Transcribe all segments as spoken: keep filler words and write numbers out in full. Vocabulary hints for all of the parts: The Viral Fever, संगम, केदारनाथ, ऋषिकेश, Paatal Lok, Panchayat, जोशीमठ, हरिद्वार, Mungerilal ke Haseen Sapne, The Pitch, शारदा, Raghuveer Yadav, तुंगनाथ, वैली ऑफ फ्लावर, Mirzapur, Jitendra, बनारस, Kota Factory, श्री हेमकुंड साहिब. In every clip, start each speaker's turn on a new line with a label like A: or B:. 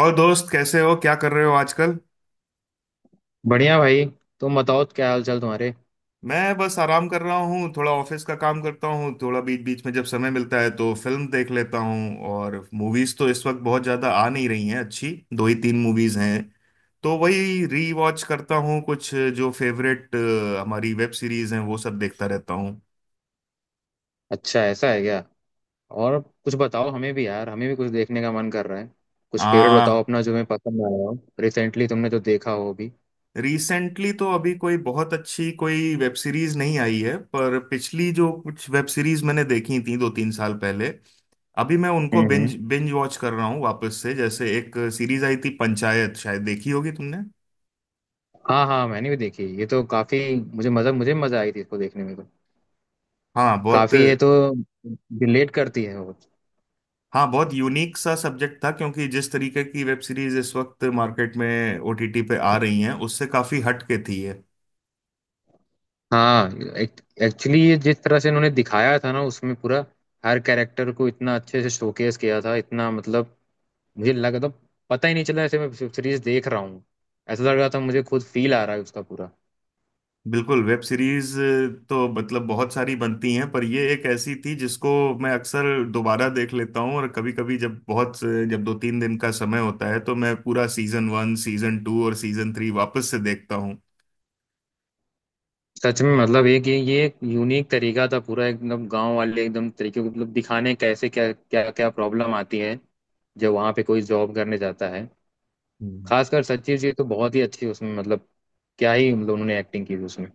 A: और दोस्त, कैसे हो? क्या कर रहे हो आजकल?
B: बढ़िया भाई। तुम बताओ क्या हाल चाल तुम्हारे।
A: मैं बस आराम कर रहा हूँ। थोड़ा ऑफिस का काम करता हूँ। थोड़ा बीच बीच में जब समय मिलता है तो फिल्म देख लेता हूँ। और मूवीज तो इस वक्त बहुत ज्यादा आ नहीं रही हैं। अच्छी दो ही तीन मूवीज हैं, तो वही री वॉच करता हूँ, कुछ जो फेवरेट हमारी वेब सीरीज हैं वो सब देखता रहता हूँ।
B: अच्छा, ऐसा है क्या। और कुछ बताओ हमें भी यार, हमें भी कुछ देखने का मन कर रहा है। कुछ फेवरेट बताओ
A: आ
B: अपना जो मैं पसंद आया हो। रिसेंटली तुमने जो देखा हो अभी।
A: रिसेंटली तो अभी कोई बहुत अच्छी कोई वेब सीरीज नहीं आई है, पर पिछली जो कुछ वेब सीरीज मैंने देखी थी दो तीन साल पहले, अभी मैं उनको
B: हम्म हम्म।
A: बिंज बिंज वॉच कर रहा हूँ वापस से। जैसे एक सीरीज आई थी पंचायत, शायद देखी होगी तुमने।
B: हाँ हाँ, मैंने भी देखी ये तो काफी। मुझे मजा मुझे मजा आई थी इसको देखने में तो
A: हाँ, बहुत।
B: काफी, ये तो रिलेट करती है वो।
A: हाँ, बहुत यूनिक सा सब्जेक्ट था, क्योंकि जिस तरीके की वेब सीरीज इस वक्त मार्केट में ओटीटी पे आ रही हैं उससे काफी हट के थी ये।
B: हाँ। एक्चुअली ये जिस तरह से इन्होंने दिखाया था ना, उसमें पूरा हर कैरेक्टर को इतना अच्छे से शोकेस किया था, इतना मतलब मुझे लगा तो पता ही नहीं चला ऐसे मैं सीरीज देख रहा हूँ। ऐसा लग रहा था मुझे खुद फील आ रहा है उसका पूरा।
A: बिल्कुल। वेब सीरीज तो मतलब बहुत सारी बनती हैं, पर ये एक ऐसी थी जिसको मैं अक्सर दोबारा देख लेता हूँ। और कभी कभी, जब बहुत, जब दो तीन दिन का समय होता है, तो मैं पूरा सीजन वन, सीजन टू और सीजन थ्री वापस से देखता
B: सच में मतलब एक ये ये एक यूनिक तरीका था पूरा एकदम गांव वाले एकदम तरीके को मतलब दिखाने कैसे क्या क्या क्या प्रॉब्लम आती है जब वहाँ पे कोई जॉब करने जाता है।
A: हूँ।
B: खासकर सचिव जी तो बहुत ही अच्छी उसमें, मतलब क्या ही मतलब उन्होंने एक्टिंग की थी उसमें।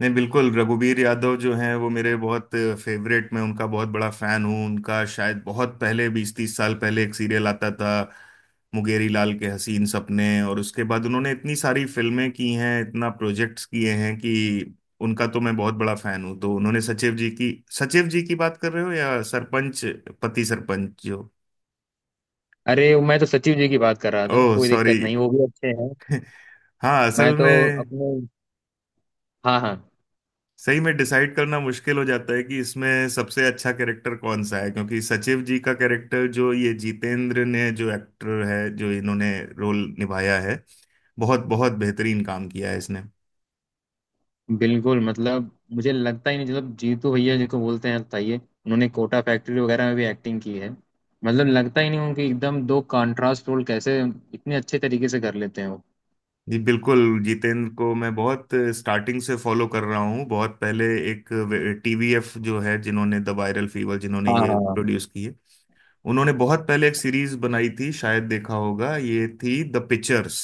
A: नहीं, बिल्कुल। रघुवीर यादव जो हैं वो मेरे बहुत फेवरेट। मैं उनका बहुत बड़ा फैन हूँ। उनका शायद बहुत पहले, बीस तीस साल पहले, एक सीरियल आता था मुंगेरी लाल के हसीन सपने, और उसके बाद उन्होंने इतनी सारी फिल्में की हैं, इतना प्रोजेक्ट्स किए हैं कि उनका तो मैं बहुत बड़ा फैन हूँ। तो उन्होंने सचिव जी की। सचिव जी की बात कर रहे हो या सरपंच पति? सरपंच जो।
B: अरे, मैं तो सचिव जी की बात कर रहा था,
A: ओह
B: कोई
A: सॉरी।
B: दिक्कत नहीं, वो भी अच्छे हैं।
A: हाँ,
B: मैं
A: असल
B: तो
A: में
B: अपने। हाँ हाँ।
A: सही में डिसाइड करना मुश्किल हो जाता है कि इसमें सबसे अच्छा कैरेक्टर कौन सा है, क्योंकि सचिव जी का कैरेक्टर जो ये जितेंद्र ने, जो एक्टर है, जो इन्होंने रोल निभाया है, बहुत बहुत बेहतरीन काम किया है इसने।
B: बिल्कुल मतलब, मुझे लगता ही नहीं मतलब जीतू भैया जिनको बोलते हैं ताइये, उन्होंने कोटा फैक्ट्री वगैरह में भी एक्टिंग की है, मतलब लगता ही नहीं उनकी एकदम दो कंट्रास्ट रोल कैसे इतने अच्छे तरीके से कर लेते हैं वो।
A: जी, बिल्कुल। जितेंद्र को मैं बहुत स्टार्टिंग से फॉलो कर रहा हूँ। बहुत पहले एक टीवीएफ जो है, जिन्होंने द वायरल फीवर, जिन्होंने
B: हाँ
A: ये
B: हाँ।
A: प्रोड्यूस की है, उन्होंने बहुत पहले एक सीरीज बनाई थी, शायद देखा होगा, ये थी द पिक्चर्स।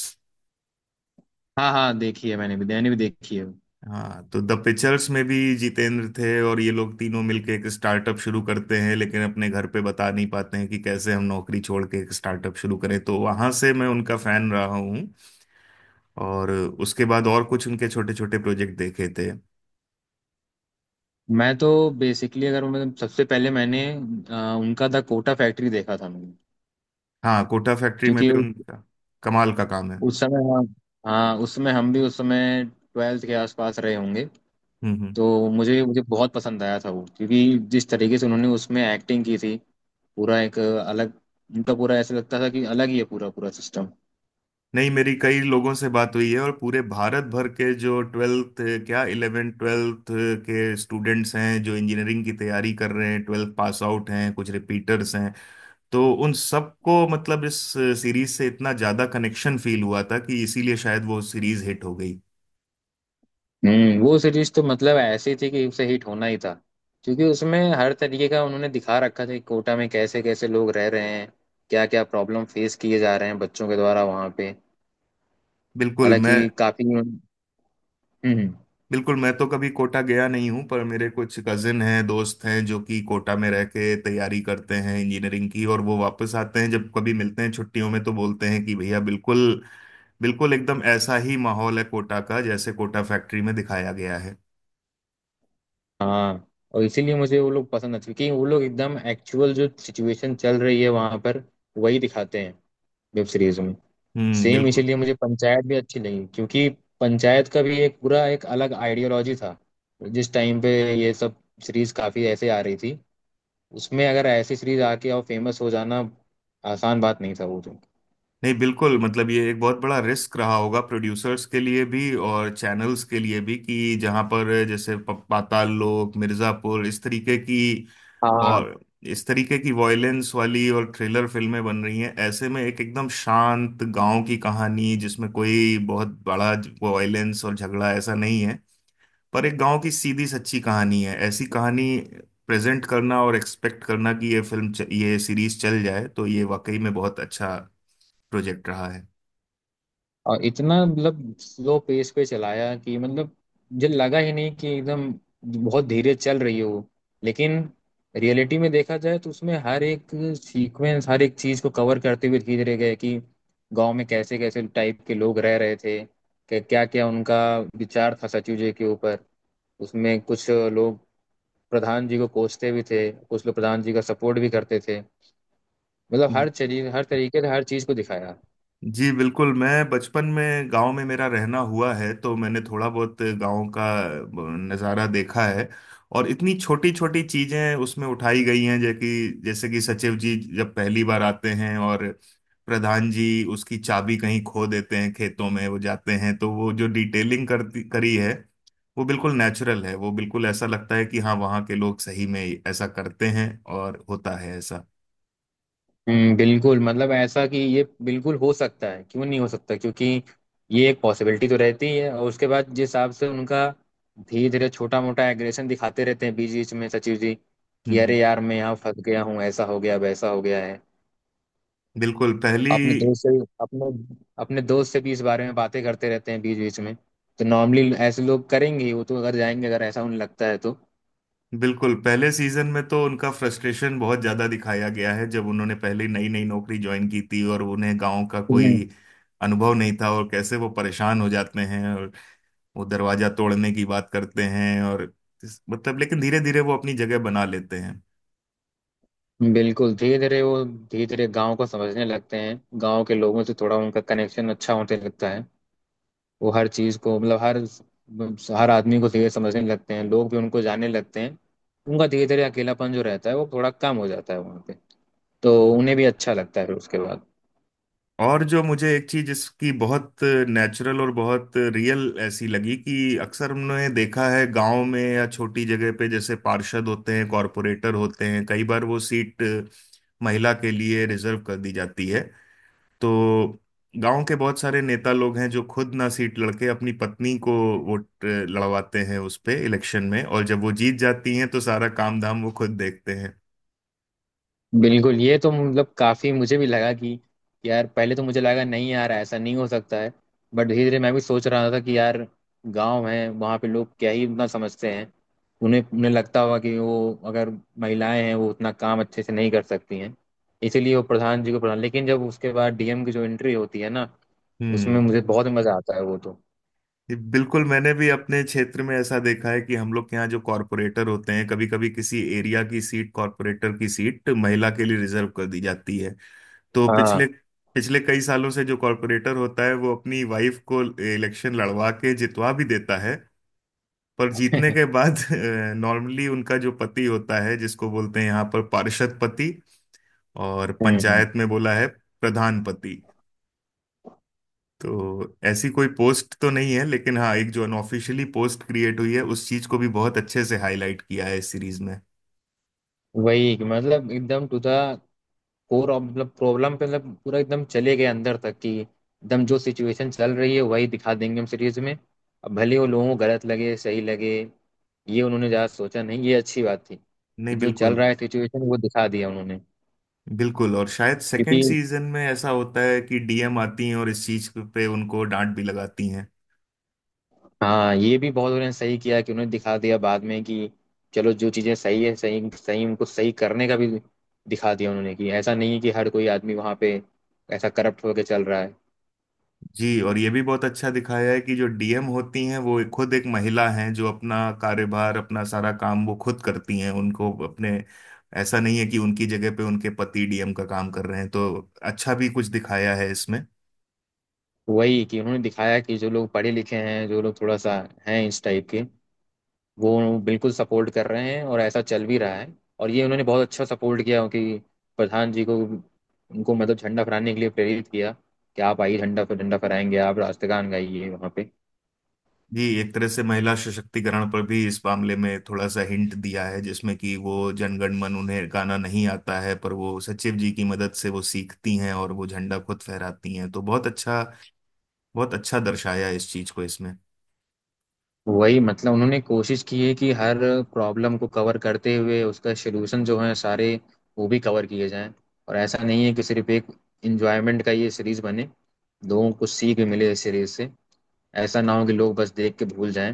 B: हाँ हाँ, देखी है, मैंने भी मैंने भी देखी है।
A: हाँ, तो द पिक्चर्स में भी जितेंद्र थे, और ये लोग तीनों मिलके एक स्टार्टअप शुरू करते हैं, लेकिन अपने घर पे बता नहीं पाते हैं कि कैसे हम नौकरी छोड़ के एक स्टार्टअप शुरू करें। तो वहां से मैं उनका फैन रहा हूँ, और उसके बाद और कुछ उनके छोटे छोटे प्रोजेक्ट देखे थे।
B: मैं तो बेसिकली, अगर मैं सबसे पहले मैंने आ, उनका द कोटा फैक्ट्री देखा था मैंने।
A: हाँ, कोटा फैक्ट्री में
B: क्योंकि
A: भी
B: उस,
A: उनका कमाल का काम है।
B: उस समय, हाँ, हाँ उस समय हम भी उस समय ट्वेल्थ के आसपास रहे होंगे।
A: हम्म हम्म।
B: तो मुझे मुझे बहुत पसंद आया था वो, क्योंकि जिस तरीके से उन्होंने उसमें एक्टिंग की थी पूरा एक अलग उनका पूरा, ऐसा लगता था कि अलग ही है पूरा पूरा सिस्टम।
A: नहीं, मेरी कई लोगों से बात हुई है, और पूरे भारत भर के जो ट्वेल्थ, क्या इलेवेंथ ट्वेल्थ के स्टूडेंट्स हैं जो इंजीनियरिंग की तैयारी कर रहे हैं, ट्वेल्थ पास आउट हैं, कुछ रिपीटर्स हैं, तो उन सबको मतलब इस सीरीज से इतना ज्यादा कनेक्शन फील हुआ था कि इसीलिए शायद वो सीरीज हिट हो गई।
B: हम्म वो सीरीज तो मतलब ऐसी थी कि उसे हिट होना ही था। क्योंकि उसमें हर तरीके का उन्होंने दिखा रखा था कि कोटा में कैसे कैसे लोग रह रहे हैं, क्या क्या प्रॉब्लम फेस किए जा रहे हैं बच्चों के द्वारा वहाँ पे।
A: बिल्कुल
B: हालांकि
A: मैं
B: काफी। हम्म हम्म,
A: बिल्कुल मैं तो कभी कोटा गया नहीं हूँ, पर मेरे कुछ कजिन हैं, दोस्त हैं, जो कि कोटा में रह के तैयारी करते हैं इंजीनियरिंग की, और वो वापस आते हैं जब कभी मिलते हैं छुट्टियों में तो बोलते हैं कि भैया बिल्कुल, बिल्कुल एकदम ऐसा ही माहौल है कोटा का जैसे कोटा फैक्ट्री में दिखाया गया है।
B: हाँ। और इसीलिए मुझे वो लोग पसंद आते हैं, क्योंकि वो लोग एकदम एक्चुअल जो सिचुएशन चल रही है वहाँ पर वही दिखाते हैं वेब सीरीजों में।
A: हम्म,
B: सेम,
A: बिल्कुल।
B: इसीलिए मुझे पंचायत भी अच्छी लगी, क्योंकि पंचायत का भी एक पूरा एक अलग आइडियोलॉजी था। जिस टाइम पे ये सब सीरीज काफी ऐसे आ रही थी, उसमें अगर ऐसी सीरीज आके और फेमस हो जाना आसान बात नहीं था वो तो।
A: नहीं, बिल्कुल, मतलब ये एक बहुत बड़ा रिस्क रहा होगा प्रोड्यूसर्स के लिए भी और चैनल्स के लिए भी, कि जहाँ पर जैसे प- पाताल लोक, मिर्जापुर, इस तरीके की
B: हाँ,
A: और इस तरीके की वॉयलेंस वाली और थ्रिलर फिल्में बन रही हैं, ऐसे में एक एकदम शांत गांव की कहानी जिसमें कोई बहुत बड़ा वॉयलेंस और झगड़ा ऐसा नहीं है, पर एक गांव की सीधी सच्ची कहानी है, ऐसी कहानी प्रेजेंट करना और एक्सपेक्ट करना कि ये फिल्म च- ये सीरीज चल जाए, तो ये वाकई में बहुत अच्छा प्रोजेक्ट रहा है।
B: और इतना मतलब स्लो पेस पे चलाया कि मतलब मुझे लगा ही नहीं कि एकदम बहुत धीरे चल रही है वो। लेकिन रियलिटी में देखा जाए तो उसमें हर एक सीक्वेंस हर एक चीज को कवर करते हुए धीरे गए कि गांव में कैसे कैसे टाइप के लोग रह रहे थे, कि क्या क्या उनका विचार था सचिव जी के ऊपर। उसमें कुछ लोग प्रधान जी को कोसते भी थे, कुछ लोग प्रधान जी का सपोर्ट भी करते थे। मतलब
A: जी।
B: हर चीज हर तरीके से हर चीज को दिखाया।
A: जी, बिल्कुल, मैं बचपन में गांव में मेरा रहना हुआ है, तो मैंने थोड़ा बहुत गांव का नज़ारा देखा है, और इतनी छोटी छोटी चीजें उसमें उठाई गई हैं, जैसे कि जैसे कि सचिव जी जब पहली बार आते हैं और प्रधान जी उसकी चाबी कहीं खो देते हैं, खेतों में वो जाते हैं, तो वो जो डिटेलिंग करती करी है वो बिल्कुल नेचुरल है। वो बिल्कुल ऐसा लगता है कि हाँ, वहाँ के लोग सही में ऐसा करते हैं, और होता है ऐसा।
B: हम्म, बिल्कुल मतलब ऐसा कि ये बिल्कुल हो सकता है, क्यों नहीं हो सकता, क्योंकि ये एक पॉसिबिलिटी तो रहती है। और उसके बाद जिस हिसाब से उनका धीरे धीरे छोटा मोटा एग्रेशन दिखाते रहते हैं बीच बीच में सचिव जी,
A: हम्म
B: कि अरे
A: हम्म।
B: यार मैं यहाँ फंस गया हूँ, ऐसा हो गया वैसा हो गया है।
A: बिल्कुल पहली
B: अपने दोस्त से अपने अपने दोस्त से भी इस बारे में बातें करते रहते हैं बीच बीच में। तो नॉर्मली ऐसे लोग करेंगे ही, वो तो अगर जाएंगे अगर ऐसा उन्हें लगता है
A: बिल्कुल पहले सीजन में तो उनका फ्रस्ट्रेशन बहुत ज्यादा दिखाया गया है, जब उन्होंने पहले नई नई नौकरी ज्वाइन की थी और उन्हें गांव का
B: तो।
A: कोई अनुभव नहीं था, और कैसे वो परेशान हो जाते हैं और वो दरवाजा तोड़ने की बात करते हैं, और इस- मतलब लेकिन धीरे धीरे वो अपनी जगह बना लेते हैं।
B: बिल्कुल, धीरे धीरे वो धीरे धीरे गांव को समझने लगते हैं, गांव के लोगों से थोड़ा उनका कनेक्शन अच्छा होने लगता है। वो हर चीज को मतलब हर हर आदमी को धीरे समझने लगते हैं, लोग भी उनको जानने लगते हैं। उनका धीरे धीरे अकेलापन जो रहता है वो थोड़ा कम हो जाता है वहाँ पे, तो उन्हें भी अच्छा लगता है फिर उसके बाद।
A: और जो मुझे एक चीज इसकी बहुत नेचुरल और बहुत रियल ऐसी लगी कि अक्सर हमने देखा है गांव में या छोटी जगह पे, जैसे पार्षद होते हैं, कॉरपोरेटर होते हैं, कई बार वो सीट महिला के लिए रिजर्व कर दी जाती है। तो गांव के बहुत सारे नेता लोग हैं जो खुद ना सीट लड़के अपनी पत्नी को वोट लड़वाते हैं उस पे इलेक्शन में, और जब वो जीत जाती हैं तो सारा काम धाम वो खुद देखते हैं।
B: बिल्कुल, ये तो मतलब काफी मुझे भी लगा कि यार पहले तो मुझे लगा नहीं यार ऐसा नहीं हो सकता है। बट धीरे धीरे मैं भी सोच रहा था कि यार, गांव है वहाँ पे लोग क्या ही उतना समझते हैं। उन्हें उन्हें लगता होगा कि वो अगर महिलाएं हैं वो उतना काम अच्छे से नहीं कर सकती हैं, इसीलिए वो प्रधान जी को प्रधान। लेकिन जब उसके बाद डी एम की जो एंट्री होती है ना, उसमें
A: हम्म।
B: मुझे बहुत मजा आता है वो तो।
A: ये बिल्कुल मैंने भी अपने क्षेत्र में ऐसा देखा है, कि हम लोग के यहाँ जो कॉरपोरेटर होते हैं, कभी कभी किसी एरिया की सीट, कॉरपोरेटर की सीट महिला के लिए रिजर्व कर दी जाती है, तो
B: हाँ।
A: पिछले पिछले कई सालों से जो कॉरपोरेटर होता है वो अपनी वाइफ को इलेक्शन लड़वा के जितवा भी देता है। पर जीतने के बाद नॉर्मली उनका जो पति होता है जिसको बोलते हैं यहाँ पर पार्षद पति, और
B: हम्म
A: पंचायत में बोला है प्रधान पति। तो ऐसी कोई पोस्ट तो नहीं है, लेकिन हाँ, एक जो अनऑफिशियली पोस्ट क्रिएट हुई है उस चीज को भी बहुत अच्छे से हाईलाइट किया है इस सीरीज में।
B: वही कि मतलब एकदम टू द कोर ऑफ मतलब प्रॉब्लम पे मतलब पूरा एकदम चले गए अंदर तक, कि एकदम जो सिचुएशन चल रही है वही दिखा देंगे हम सीरीज में। अब भले वो लोगों को गलत लगे सही लगे, ये उन्होंने ज़्यादा सोचा नहीं, ये अच्छी बात थी
A: नहीं,
B: कि जो चल
A: बिल्कुल
B: रहा है सिचुएशन वो दिखा दिया उन्होंने।
A: बिल्कुल और शायद सेकंड
B: क्योंकि
A: सीजन में ऐसा होता है कि डीएम आती हैं और इस चीज पे उनको डांट भी लगाती हैं।
B: हाँ, ये भी बहुत उन्होंने सही किया कि उन्होंने दिखा दिया बाद में कि चलो जो चीज़ें सही है सही सही उनको सही करने का भी दिखा दिया उन्होंने, कि ऐसा नहीं है कि हर कोई आदमी वहाँ पे ऐसा करप्ट होके चल रहा है।
A: जी। और ये भी बहुत अच्छा दिखाया है कि जो डीएम होती हैं वो खुद एक महिला हैं, जो अपना कार्यभार, अपना सारा काम वो खुद करती हैं उनको अपने। ऐसा नहीं है कि उनकी जगह पे उनके पति डीएम का काम कर रहे हैं, तो अच्छा भी कुछ दिखाया है इसमें।
B: वही कि उन्होंने दिखाया कि जो लोग पढ़े लिखे हैं, जो लोग थोड़ा सा हैं इस टाइप के, वो बिल्कुल सपोर्ट कर रहे हैं और ऐसा चल भी रहा है। और ये उन्होंने बहुत अच्छा सपोर्ट किया कि प्रधान जी को उनको मतलब झंडा फहराने के लिए प्रेरित किया, कि आप आइए झंडा झंडा फहराएंगे, आप राष्ट्रगान गाइए वहाँ पे।
A: जी, एक तरह से महिला सशक्तिकरण पर भी इस मामले में थोड़ा सा हिंट दिया है, जिसमें कि वो जनगण मन उन्हें गाना नहीं आता है, पर वो सचिव जी की मदद से वो सीखती हैं और वो झंडा खुद फहराती हैं, तो बहुत अच्छा बहुत अच्छा दर्शाया इस चीज को इसमें।
B: वही मतलब उन्होंने कोशिश की है कि हर प्रॉब्लम को कवर करते हुए उसका सलूशन जो है सारे वो भी कवर किए जाएं। और ऐसा नहीं है कि सिर्फ एक इंजॉयमेंट का ये सीरीज बने, लोगों को सीख भी मिले इस सीरीज से। ऐसा ना हो कि लोग बस देख के भूल जाएं,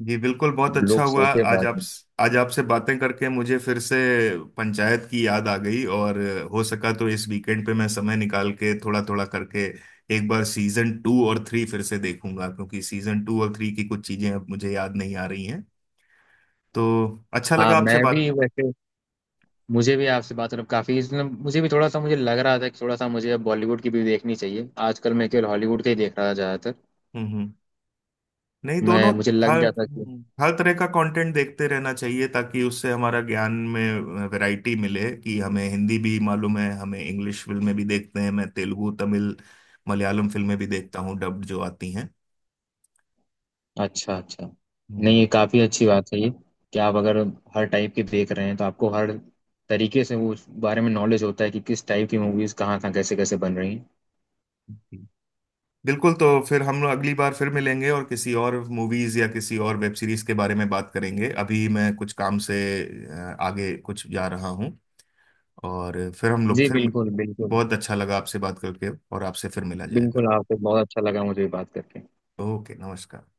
A: जी बिल्कुल, बहुत अच्छा
B: लोग
A: हुआ।
B: सोचे
A: आज
B: बाद
A: आप
B: में।
A: आज आपसे बातें करके मुझे फिर से पंचायत की याद आ गई, और हो सका तो इस वीकेंड पे मैं समय निकाल के थोड़ा थोड़ा करके एक बार सीजन टू और थ्री फिर से देखूंगा, क्योंकि सीजन टू और थ्री की कुछ चीजें अब मुझे याद नहीं आ रही हैं। तो अच्छा
B: हाँ,
A: लगा आपसे
B: मैं भी
A: बात।
B: वैसे, मुझे भी आपसे बात करके काफी इसमें मुझे भी थोड़ा सा मुझे लग रहा था कि थोड़ा सा मुझे अब बॉलीवुड की भी देखनी चाहिए, आजकल मैं केवल हॉलीवुड के ही देख रहा था ज्यादातर।
A: हम्म हम्म। नहीं,
B: मैं
A: दोनों,
B: मुझे लग
A: हर
B: जाता कि,
A: हर तरह का कंटेंट देखते रहना चाहिए, ताकि उससे हमारा ज्ञान में वैरायटी मिले कि हमें हिंदी भी मालूम है, हमें इंग्लिश फिल्में भी देखते हैं, मैं तेलुगु, तमिल, मलयालम फिल्में भी देखता हूँ, डब्ड जो आती हैं।
B: अच्छा अच्छा। नहीं,
A: हम्म,
B: ये काफी अच्छी बात है ये कि आप अगर हर टाइप की देख रहे हैं तो आपको हर तरीके से वो उस बारे में नॉलेज होता है कि किस टाइप की मूवीज कहाँ कहाँ कैसे कैसे बन रही हैं।
A: बिल्कुल। तो फिर हम लोग अगली बार फिर मिलेंगे और किसी और मूवीज या किसी और वेब सीरीज के बारे में बात करेंगे। अभी मैं कुछ काम से अ, आगे कुछ जा रहा हूँ, और फिर हम लोग
B: जी
A: फिर।
B: बिल्कुल बिल्कुल।
A: बहुत अच्छा लगा आपसे बात करके, और आपसे फिर मिला
B: बिल्कुल
A: जाएगा।
B: आपसे बहुत अच्छा लगा मुझे बात करके।
A: ओके, नमस्कार।